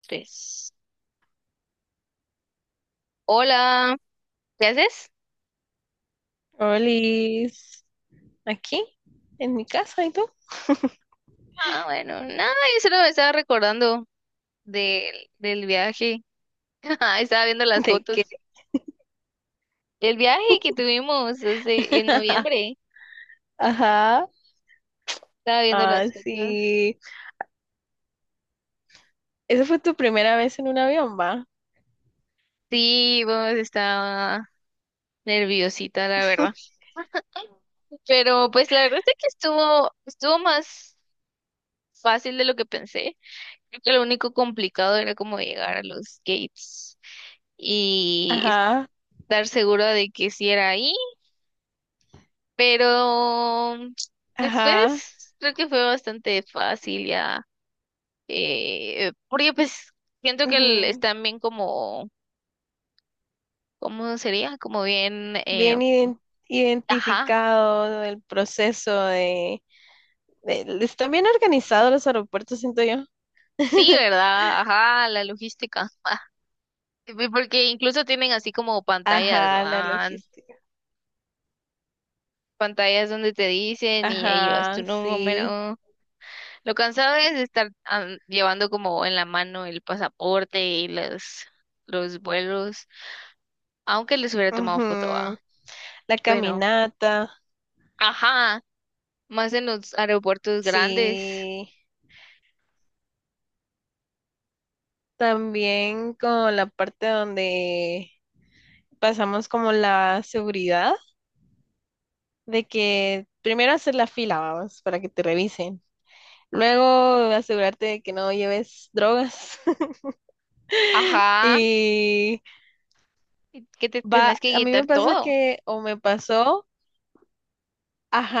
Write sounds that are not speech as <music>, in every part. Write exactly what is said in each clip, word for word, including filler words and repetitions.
Tres. Hola, ¿qué haces? Olis, aquí, en mi casa, ¿y tú? Ah, bueno, nada, yo solo me estaba recordando del, del viaje. <laughs> Ajá, estaba viendo las ¿De qué? fotos. El viaje que tuvimos hace, en <laughs> noviembre. Ajá, Estaba viendo ah, las fotos. sí. Esa fue tu primera vez en un avión, ¿va? Sí, pues estaba nerviosita, la verdad. <laughs> Pero pues la verdad es que estuvo, estuvo más fácil de lo que pensé. Creo que lo único complicado era como llegar a los gates y Ajá, estar segura de que si era ahí. Pero ajá. después creo que fue bastante fácil ya. Eh, porque pues siento que el- Ujú. están bien como, ¿cómo sería? Como bien, eh, Bien iden- ajá, Identificado el proceso de, de- están bien organizados los aeropuertos, siento yo. sí, <laughs> ¿verdad? Ajá, la logística. <laughs> Ah, y porque incluso tienen así como pantallas, Ajá, la van, logística. pantallas donde te dicen y ahí vas tu Ajá, sí. número. Lo cansado es estar ah, llevando como en la mano el pasaporte y los, los vuelos, aunque les hubiera tomado foto, ¿va? Ujú. La Bueno, caminata, ajá, más en los aeropuertos grandes. sí. También con la parte donde pasamos como la seguridad, de que primero hacer la fila, vamos, para que te revisen. Luego asegurarte de que no lleves drogas. <laughs> Ajá, Y que te va, tenés que a mí me quitar pasa todo. que, o me pasó,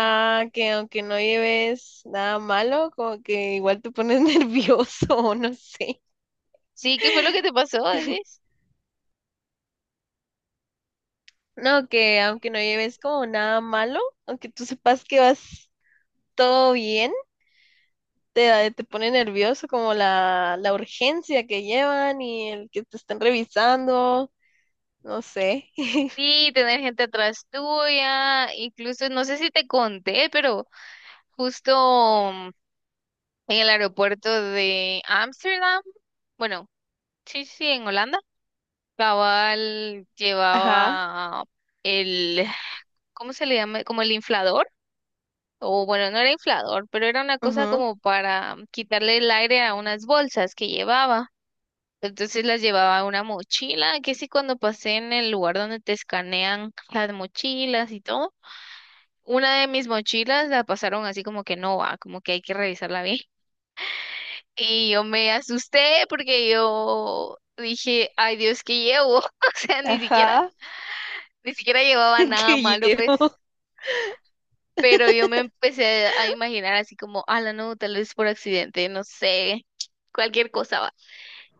Ah, que aunque no lleves nada malo, como que igual te pones <laughs> nervioso, o no sé. sí, ¿qué fue lo que te pasó, decís? No, que aunque no lleves como nada malo, aunque tú sepas que vas todo bien te, da- te pone nervioso como la, la urgencia que llevan y el que te están revisando, no sé. <laughs> Sí, tener gente atrás tuya, incluso no sé si te conté, pero justo mm, en el aeropuerto de Ámsterdam, bueno, sí, sí, en Holanda, cabal Ajá, llevaba el, ¿cómo se le llama? Como el inflador. O bueno, no era inflador, pero era una cosa ujú, como para quitarle el aire a unas bolsas que llevaba. Entonces las llevaba a una mochila, que sí cuando pasé en el lugar donde te escanean las mochilas y todo, una de mis mochilas la pasaron así como que no va, como que hay que revisarla bien. <laughs> Y yo me asusté porque yo dije, ay Dios, ¿qué llevo? <laughs> O sea, ni siquiera, ajá, ni siquiera llevaba <laughs> nada que malo, pues. llevo, Pero yo me empecé a imaginar así como, la no, tal vez por accidente, no sé, cualquier cosa va.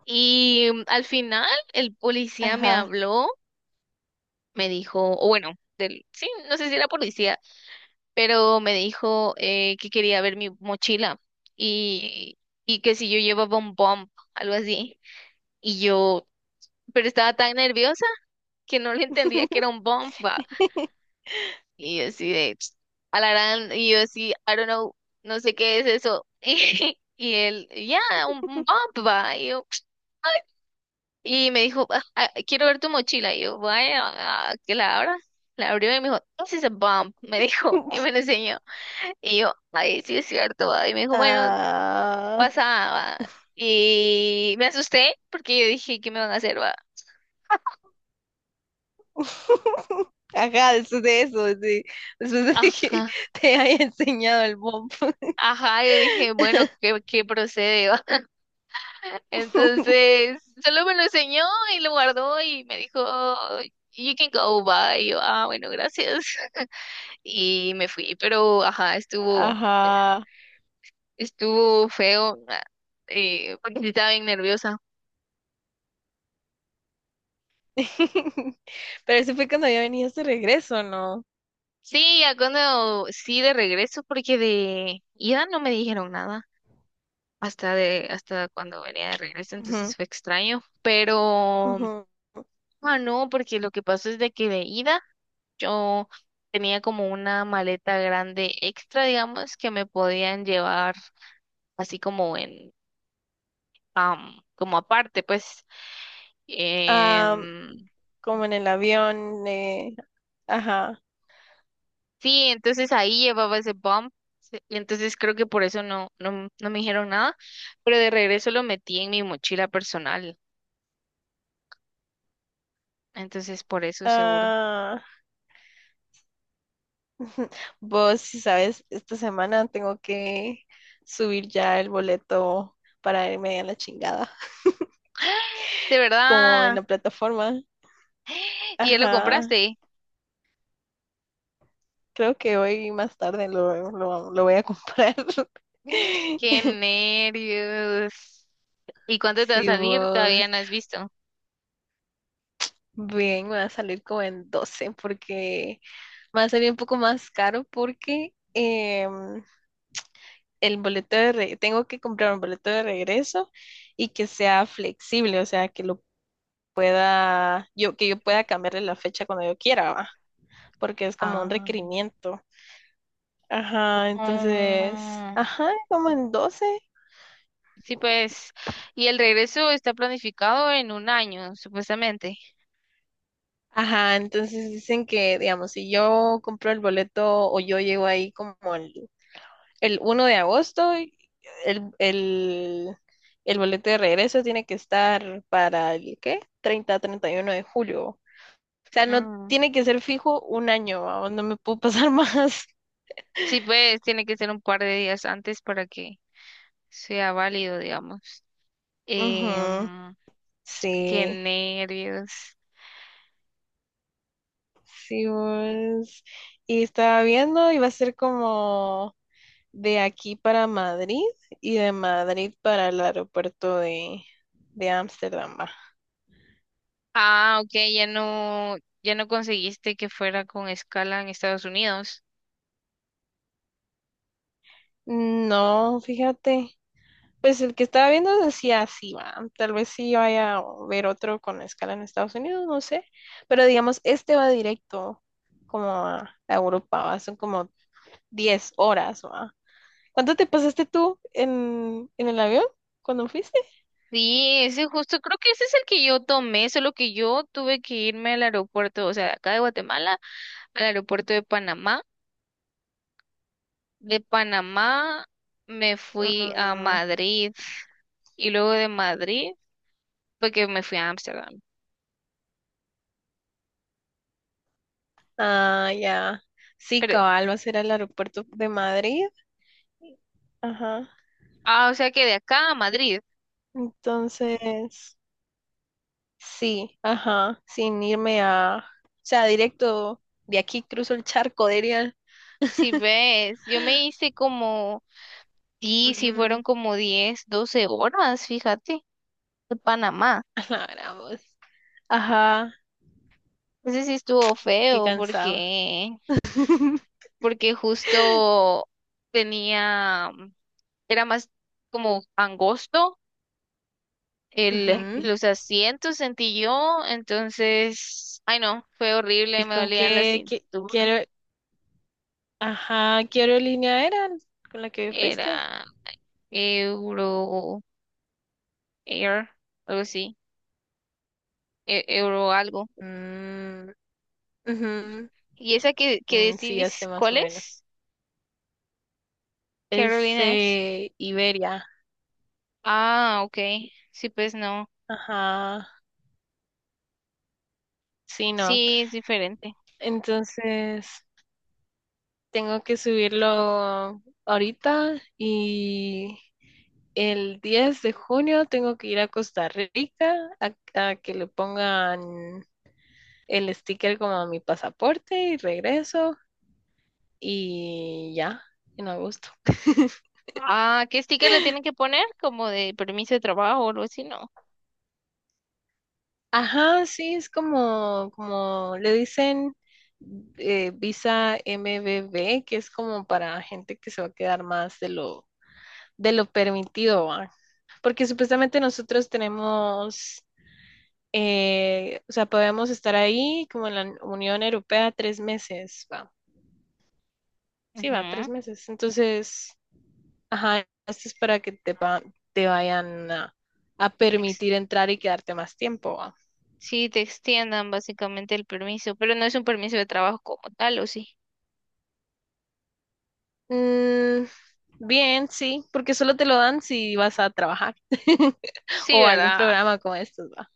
Y mm, al final el policía me ajá. habló, me dijo, o bueno, del, sí, no sé si era policía, pero me dijo eh, que quería ver mi mochila y, y que si yo llevaba un bump, algo así. Y yo, pero estaba tan nerviosa que no le entendía que era <laughs> un bump. Y yo así de, a la gran, y yo así, I don't know, no sé qué es eso. <laughs> Y él, ya, un, un bump, va. Y, yo, y me dijo, "Ah, ah, quiero ver tu mochila. Y yo, vaya, ah, que la abra. La abrió y me dijo, this is a bump, me dijo, <laughs> y me lo enseñó. Y yo, ay, sí es cierto, va. Y me dijo, bueno, Ah, pasa, va". Y me asusté porque yo dije, ¿qué me van a hacer, va? <laughs> ajá, después de eso, de- después de que Ajá, te haya enseñado el bomb. ajá, yo dije, bueno, ¿qué, qué procede. <laughs> Entonces, solo me lo enseñó y lo guardó y me dijo, you can go, bye. Y yo, ah, bueno, gracias. <laughs> Y me fui, pero ajá, estuvo, Ajá. estuvo feo, ah, eh, porque sí estaba bien nerviosa. <laughs> Pero eso fue cuando ya venías de regreso, ¿no? Sí, ya cuando, sí, de regreso, porque de ida no me dijeron nada. Hasta de, hasta cuando venía de regreso, Ujú, entonces fue extraño. Pero, ujú. ah, no, porque lo que pasó es de que de ida. Yo tenía como una maleta grande extra, digamos, que me podían llevar así como en, am, como aparte, pues. Am, Em, como en el avión, eh, ajá. sí, entonces ahí llevaba ese bump. se- Y entonces creo que por eso no, no, no me dijeron nada, pero de regreso lo metí en mi mochila personal. Entonces por eso seguro. Ah, <laughs> vos, si sabes, esta semana tengo que subir ya el boleto para irme a la chingada, De como en verdad. la plataforma. ¿Y ya lo Ajá, compraste? creo que hoy más tarde lo, lo, lo voy a comprar. Mm. Qué <laughs> nervios. ¿Y cuánto te va a Si salir? Todavía vos, no has visto. bien, me va a salir como en doce, porque me va a salir un poco más caro porque... em, el boleto de re- tengo que comprar un boleto de regreso y que sea flexible, o sea, que lo pueda, yo, que yo pueda cambiarle la fecha cuando yo quiera, ¿va? Porque es como un Ah. requerimiento. Ajá, entonces, Ah, ajá, como en doce. sí, pues, y el regreso está planificado en un año, supuestamente. Ajá, entonces dicen que, digamos, si yo compro el boleto o yo llego ahí como el, el uno de agosto, el, el, el boleto de regreso tiene que estar para el, ¿qué? treinta, treinta y uno de julio. O sea, no Mm, tiene que ser fijo un año, vamos, no me puedo pasar <laughs> más. sí, pues, tiene que ser un par de días antes para que sea válido, digamos. Ujú. Em, Qué Sí, nervios. sí, vos. Y estaba viendo, iba a ser como de aquí para Madrid y de Madrid para el aeropuerto de, de Ámsterdam, va. Ah, ok, ya no, ya no conseguiste que fuera con escala en Estados Unidos. No, fíjate. Pues el que estaba viendo decía así, va. Tal vez sí vaya a ver otro con escala en Estados Unidos, no sé. Pero digamos, este va directo como a a Europa, va. Son como diez horas. Ma. ¿Cuánto te pasaste tú en, en el avión cuando fuiste? Sí, ese justo, creo que ese es el que yo tomé, solo que yo tuve que irme al aeropuerto, o sea, de acá de Guatemala, al aeropuerto de Panamá. De Panamá me fui a Mm, Madrid y luego de Madrid, porque me fui a Ámsterdam. ah, ya. Sí, Pero, cabal, vas a ir al aeropuerto de Madrid. Ajá. ah, o sea que de acá a Madrid, Entonces, sí, ajá, sin irme a, o sea, directo de aquí cruzo el charco, diría. si ves, yo me hice como, sí, sí Ujú, fueron como diez doce horas, fíjate, de Panamá. <laughs> a la gran voz. Ajá, Ese sí estuvo qué feo cansado. porque, <laughs> porque justo tenía, era más como angosto el, Ujú. los asientos sentí yo, entonces, ay no, fue horrible, ¿Y me con dolían la qué, qué- cintura. quiero, ajá, qué aerolínea era con la que fuiste? Era Euro Air, algo así, e- Euro algo. Mm, ujú, ¿Y esa que, que mm, sí, decís hace más cuál o menos. es? ¿Qué Es aerolínea es? eh, Iberia. Ah, ok, sí, pues no, Ajá. Sí, no. sí, es diferente. Entonces, tengo que subirlo ahorita y el diez de junio tengo que ir a Costa Rica a, a que le pongan el sticker como a mi pasaporte y regreso y ya, en agosto. <laughs> Ah, ¿qué sticker le tienen que poner? Como de permiso de trabajo o algo así, ¿no? Ajá, sí, es como, como le dicen eh, visa M B B, que es como para gente que se va a quedar más de lo, de lo permitido, ¿va? Porque supuestamente nosotros tenemos, eh, o sea, podemos estar ahí como en la Unión Europea tres meses, ¿va? Sí, va, tres Ujú. meses. Entonces, ajá, esto es para que te, va- te vayan a, a Ex- permitir entrar y quedarte más tiempo. Sí, te extiendan básicamente el permiso, pero no es un permiso de trabajo como tal, ¿o sí? Mm, bien, sí, porque solo te lo dan si vas a trabajar <laughs> Sí, o algún ¿verdad? programa como estos, va.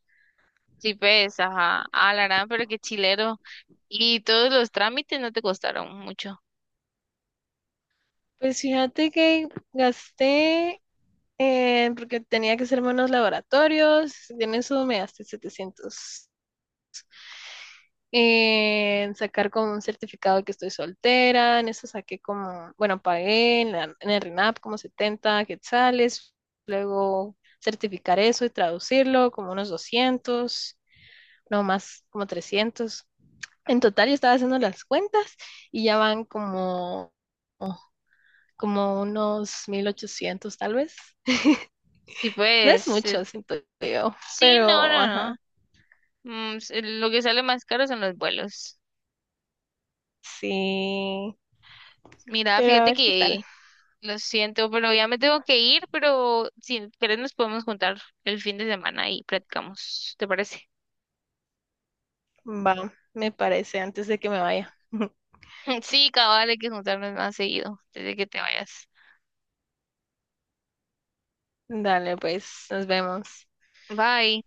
Sí, ves, ajá, a la gran, pero qué chilero. Y todos los trámites no te costaron mucho. Pues fíjate que gasté, eh, porque tenía que hacerme unos laboratorios, y en eso me gasté setecientos. En sacar como un certificado de que estoy soltera, en eso saqué como, bueno, pagué en, la- en el RENAP como setenta quetzales, luego certificar eso y traducirlo como unos doscientos, no más como trescientos. En total, yo estaba haciendo las cuentas y ya van como, como unos mil ochocientos tal vez. Sí, No es pues, eh, mucho, siento yo, sí, no, pero no, no. ajá, Mm, s- lo que sale más caro son los vuelos. sí. Mira, Pero a fíjate ver qué tal. que lo siento, pero ya me tengo que ir, pero si querés nos podemos juntar el fin de semana y platicamos, ¿te parece? Va, me parece, antes de que me vaya. <laughs> <laughs> Sí, cabal, hay que juntarnos más seguido, desde que te vayas. Dale, pues, nos vemos. Bye.